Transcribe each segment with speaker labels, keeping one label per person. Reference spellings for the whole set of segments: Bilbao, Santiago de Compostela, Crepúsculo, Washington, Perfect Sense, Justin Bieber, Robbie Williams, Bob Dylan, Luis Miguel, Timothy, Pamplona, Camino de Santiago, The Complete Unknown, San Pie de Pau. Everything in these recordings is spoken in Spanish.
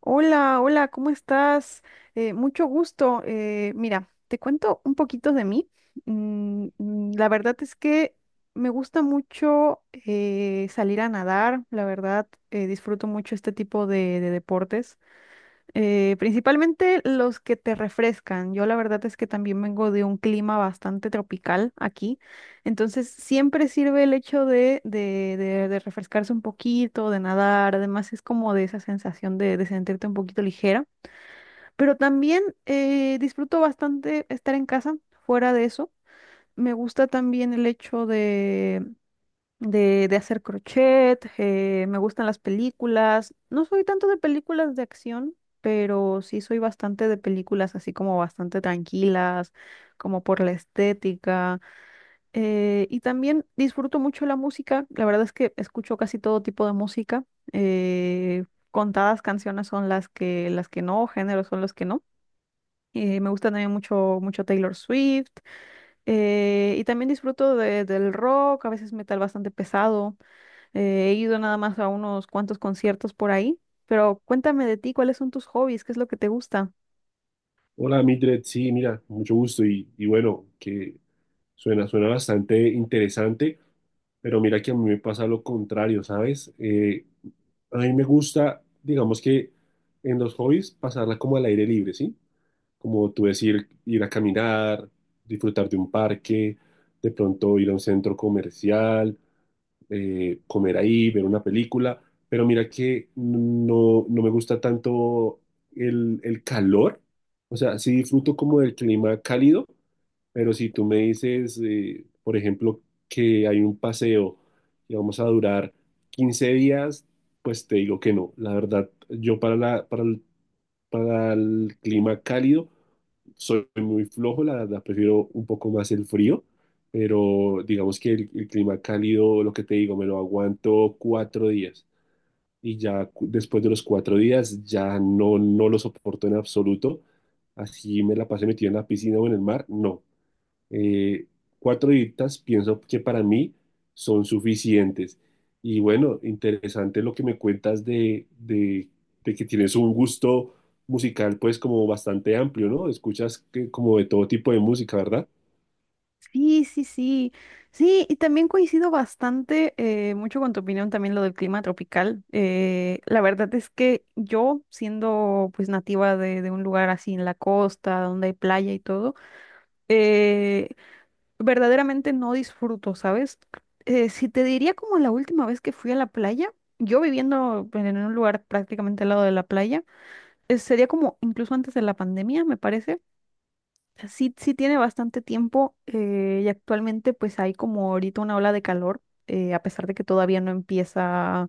Speaker 1: Hola, hola, ¿cómo estás? Mucho gusto. Mira, te cuento un poquito de mí. La verdad es que me gusta mucho salir a nadar, la verdad, disfruto mucho este tipo de deportes. Principalmente los que te refrescan. Yo la verdad es que también vengo de un clima bastante tropical aquí, entonces siempre sirve el hecho de refrescarse un poquito, de nadar, además es como de esa sensación de sentirte un poquito ligera, pero también disfruto bastante estar en casa, fuera de eso. Me gusta también el hecho de hacer crochet, me gustan las películas. No soy tanto de películas de acción, pero sí soy bastante de películas así como bastante tranquilas, como por la estética. Y también disfruto mucho la música. La verdad es que escucho casi todo tipo de música. eh, Contadas canciones son las que no, géneros son los que no. Me gusta también mucho, mucho Taylor Swift. Y también disfruto del rock, a veces metal bastante pesado. He ido nada más a unos cuantos conciertos por ahí, pero cuéntame de ti, ¿cuáles son tus hobbies? ¿Qué es lo que te gusta?
Speaker 2: Hola, Mildred. Sí, mira, mucho gusto. Y bueno, que suena bastante interesante, pero mira que a mí me pasa lo contrario, ¿sabes? A mí me gusta, digamos que en los hobbies, pasarla como al aire libre, ¿sí? Como tú decir, ir a caminar, disfrutar de un parque, de pronto ir a un centro comercial, comer ahí, ver una película, pero mira que no, no me gusta tanto el calor. O sea, sí disfruto como del clima cálido, pero si tú me dices, por ejemplo, que hay un paseo y vamos a durar 15 días, pues te digo que no. La verdad, yo para el clima cálido soy muy flojo, la verdad, prefiero un poco más el frío, pero digamos que el clima cálido, lo que te digo, me lo aguanto 4 días, y ya después de los 4 días ya no, no lo soporto en absoluto. Así me la pasé metido en la piscina o en el mar, no. Eh, 4 horitas pienso que para mí son suficientes. Y bueno, interesante lo que me cuentas de, de que tienes un gusto musical pues como bastante amplio, ¿no? Escuchas, que, como, de todo tipo de música, ¿verdad?
Speaker 1: Sí, sí, sí. Sí, y también coincido bastante mucho con tu opinión también lo del clima tropical. La verdad es que yo, siendo pues nativa de un lugar así en la costa, donde hay playa y todo, eh, verdaderamente no disfruto, ¿sabes? Si te diría como la última vez que fui a la playa, yo viviendo pues, en un lugar prácticamente al lado de la playa, sería como incluso antes de la pandemia, me parece. O sea, sí, sí tiene bastante tiempo y actualmente pues hay como ahorita una ola de calor, a pesar de que todavía no empieza,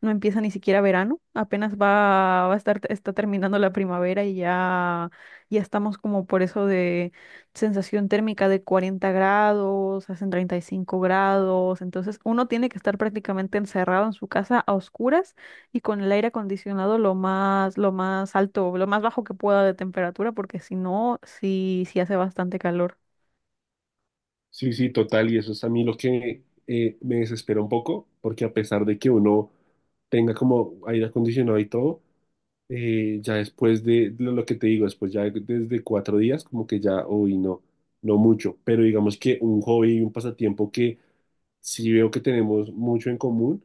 Speaker 1: no empieza ni siquiera verano, apenas va, va a estar, está terminando la primavera y ya, ya estamos como por eso de sensación térmica de 40 grados, hacen 35 grados, entonces uno tiene que estar prácticamente encerrado en su casa a oscuras y con el aire acondicionado lo más alto, lo más bajo que pueda de temperatura, porque si no, sí, sí hace bastante calor.
Speaker 2: Sí, sí, total. Y eso es a mí lo que, me desespera un poco, porque a pesar de que uno tenga como aire acondicionado y todo, ya después de lo que te digo, después ya desde 4 días, como que ya, uy, no, no mucho. Pero digamos que un hobby y un pasatiempo que sí veo que tenemos mucho en común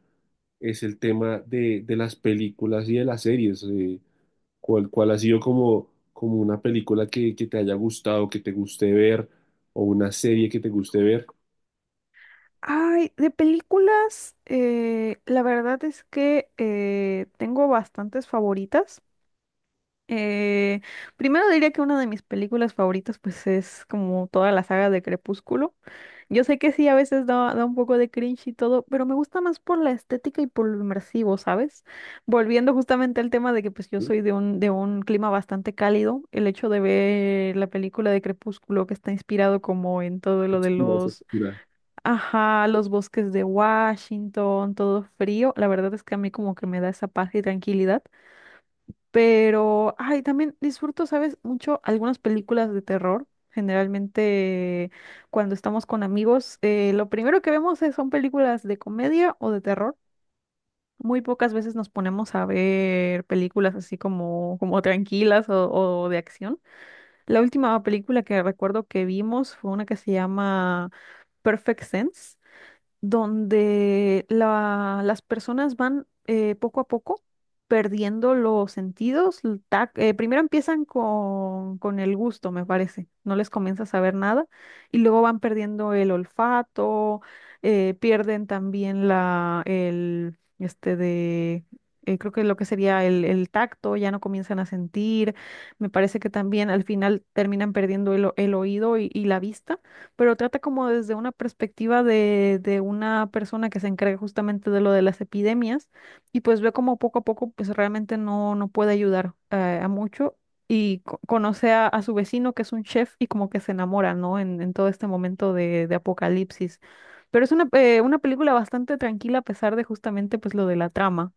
Speaker 2: es el tema de las películas y de las series. Cuál ha sido, como una película que te haya gustado, que te guste ver, o una serie que te guste ver?
Speaker 1: Ay, de películas, la verdad es que tengo bastantes favoritas. Eh, Primero diría que una de mis películas favoritas pues es como toda la saga de Crepúsculo. Yo sé que sí, a veces da, da un poco de cringe y todo, pero me gusta más por la estética y por lo inmersivo, ¿sabes? Volviendo justamente al tema de que pues yo soy de un clima bastante cálido, el hecho de ver la película de Crepúsculo que está inspirado como en todo lo de
Speaker 2: Oscura, es
Speaker 1: los,
Speaker 2: oscura.
Speaker 1: ajá, los bosques de Washington, todo frío, la verdad es que a mí como que me da esa paz y tranquilidad. Pero, ay, también disfruto, ¿sabes? Mucho algunas películas de terror. Generalmente, cuando estamos con amigos, lo primero que vemos son películas de comedia o de terror. Muy pocas veces nos ponemos a ver películas así como, como tranquilas o de acción. La última película que recuerdo que vimos fue una que se llama Perfect Sense donde las personas van poco a poco perdiendo los sentidos. Primero empiezan con el gusto, me parece, no les comienza a saber nada, y luego van perdiendo el olfato, pierden también la, el, este de... creo que lo que sería el tacto, ya no comienzan a sentir. Me parece que también al final terminan perdiendo el oído y la vista, pero trata como desde una perspectiva de una persona que se encarga justamente de lo de las epidemias y pues ve como poco a poco pues realmente no, no puede ayudar a mucho y conoce a su vecino que es un chef y como que se enamora, ¿no? En todo este momento de apocalipsis. Pero es una película bastante tranquila a pesar de justamente pues lo de la trama.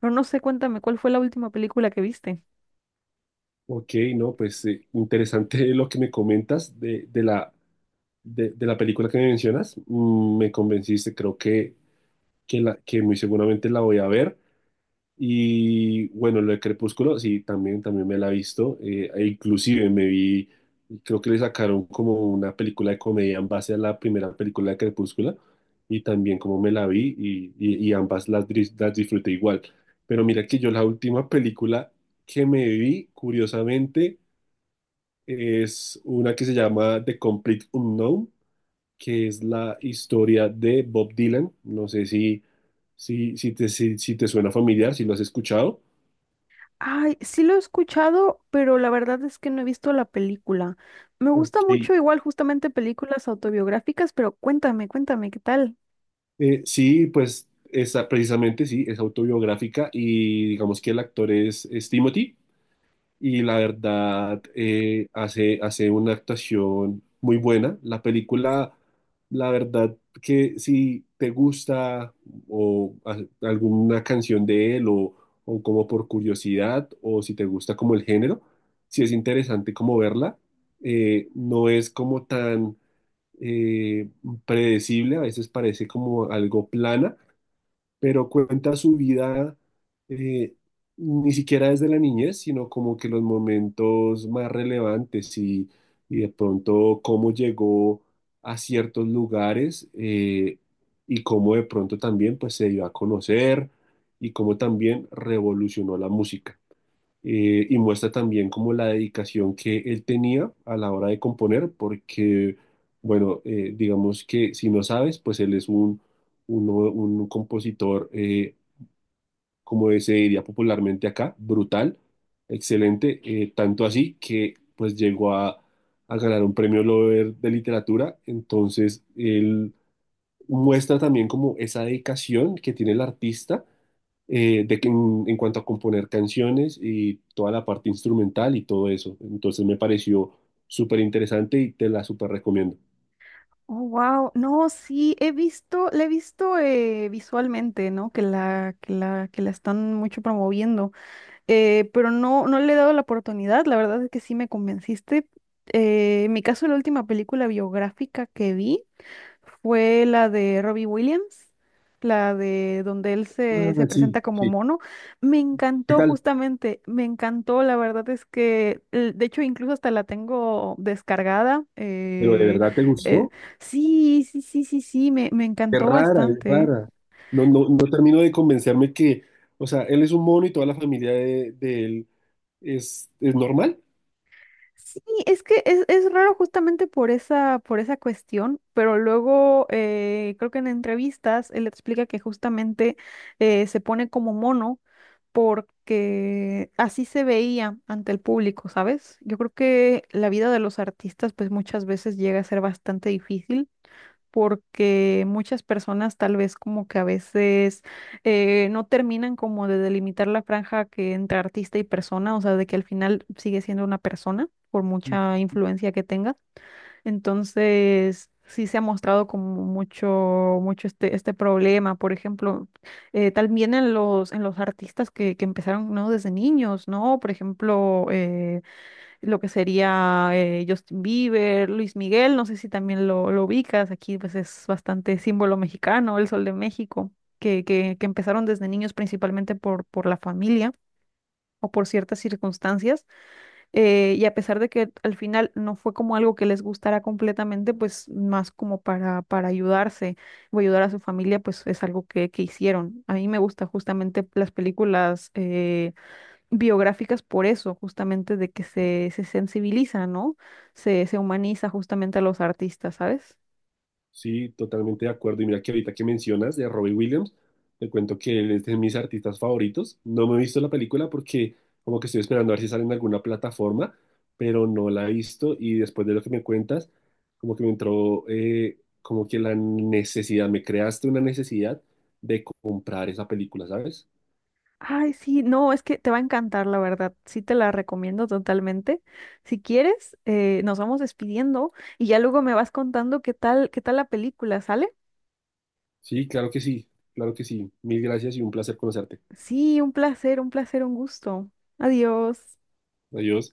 Speaker 1: Pero no sé, cuéntame, ¿cuál fue la última película que viste?
Speaker 2: Ok. No, pues, interesante lo que me comentas de, de la película que me mencionas. Me convenciste, creo que muy seguramente la voy a ver. Y bueno, lo de Crepúsculo, sí, también me la he visto. E inclusive me vi, creo que le sacaron como una película de comedia en base a la primera película de Crepúsculo. Y también como me la vi, y ambas las disfruté igual. Pero mira que yo la última película que me vi, curiosamente, es una que se llama The Complete Unknown, que es la historia de Bob Dylan. No sé si te suena familiar, si lo has escuchado.
Speaker 1: Ay, sí lo he escuchado, pero la verdad es que no he visto la película. Me gusta
Speaker 2: Ok.
Speaker 1: mucho igual justamente películas autobiográficas, pero cuéntame, cuéntame, ¿qué tal?
Speaker 2: Sí, pues esa, precisamente sí, es autobiográfica, y digamos que el actor es Timothy. Y la verdad, hace una actuación muy buena. La película, la verdad, que si te gusta, o alguna canción de él, o como por curiosidad, o si te gusta como el género, si es interesante como verla. No es como tan eh, predecible, a veces parece como algo plana, pero cuenta su vida, eh, ni siquiera desde la niñez, sino como que los momentos más relevantes, y de pronto cómo llegó a ciertos lugares, y cómo de pronto también pues se dio a conocer, y cómo también revolucionó la música. Y muestra también como la dedicación que él tenía a la hora de componer, porque, bueno, digamos que si no sabes, pues él es un, un compositor, como se diría popularmente acá, brutal, excelente. Tanto así que pues llegó a ganar un premio Nobel de literatura. Entonces él muestra también como esa dedicación que tiene el artista, de que en cuanto a componer canciones y toda la parte instrumental y todo eso. Entonces me pareció súper interesante y te la súper recomiendo.
Speaker 1: Oh, wow. No, sí, he visto, la he visto visualmente, ¿no? Que la, que la, que la están mucho promoviendo. Pero no, no le he dado la oportunidad. La verdad es que sí me convenciste. En mi caso, la última película biográfica que vi fue la de Robbie Williams, la de donde él se, se
Speaker 2: Ah,
Speaker 1: presenta
Speaker 2: sí,
Speaker 1: como
Speaker 2: sí.
Speaker 1: mono. Me
Speaker 2: ¿Qué
Speaker 1: encantó
Speaker 2: tal?
Speaker 1: justamente, me encantó, la verdad es que, de hecho, incluso hasta la tengo descargada.
Speaker 2: ¿Pero de verdad te
Speaker 1: Eh,
Speaker 2: gustó?
Speaker 1: sí, sí, sí, sí, sí, me
Speaker 2: Qué
Speaker 1: encantó
Speaker 2: rara, es
Speaker 1: bastante. ¿Eh?
Speaker 2: rara. No, no, no termino de convencerme que, o sea, él es un mono y toda la familia de él es normal.
Speaker 1: Sí, es que es raro justamente por esa cuestión, pero luego creo que en entrevistas él explica que justamente se pone como mono porque así se veía ante el público, ¿sabes? Yo creo que la vida de los artistas pues muchas veces llega a ser bastante difícil porque muchas personas tal vez como que a veces no terminan como de delimitar la franja que entre artista y persona, o sea, de que al final sigue siendo una persona por mucha influencia que tenga. Entonces, sí se ha mostrado como mucho, mucho este, este problema, por ejemplo, también en los artistas que empezaron, ¿no? Desde niños, ¿no? Por ejemplo, lo que sería Justin Bieber, Luis Miguel, no sé si también lo ubicas, aquí pues es bastante símbolo mexicano, el Sol de México, que empezaron desde niños principalmente por la familia o por ciertas circunstancias, y a pesar de que al final no fue como algo que les gustara completamente, pues más como para ayudarse o ayudar a su familia, pues es algo que hicieron. A mí me gusta justamente las películas biográficas por eso, justamente de que se sensibiliza, ¿no? Se humaniza justamente a los artistas, ¿sabes?
Speaker 2: Sí, totalmente de acuerdo. Y mira que ahorita que mencionas de Robbie Williams, te cuento que él es de mis artistas favoritos. No me he visto la película porque como que estoy esperando a ver si sale en alguna plataforma, pero no la he visto. Y después de lo que me cuentas, como que me entró, como que la necesidad, me creaste una necesidad de comprar esa película, ¿sabes?
Speaker 1: Ay, sí, no, es que te va a encantar, la verdad. Sí, te la recomiendo totalmente. Si quieres, nos vamos despidiendo y ya luego me vas contando qué tal la película, ¿sale?
Speaker 2: Sí, claro que sí, claro que sí. Mil gracias y un placer conocerte.
Speaker 1: Sí, un placer, un placer, un gusto. Adiós.
Speaker 2: Adiós.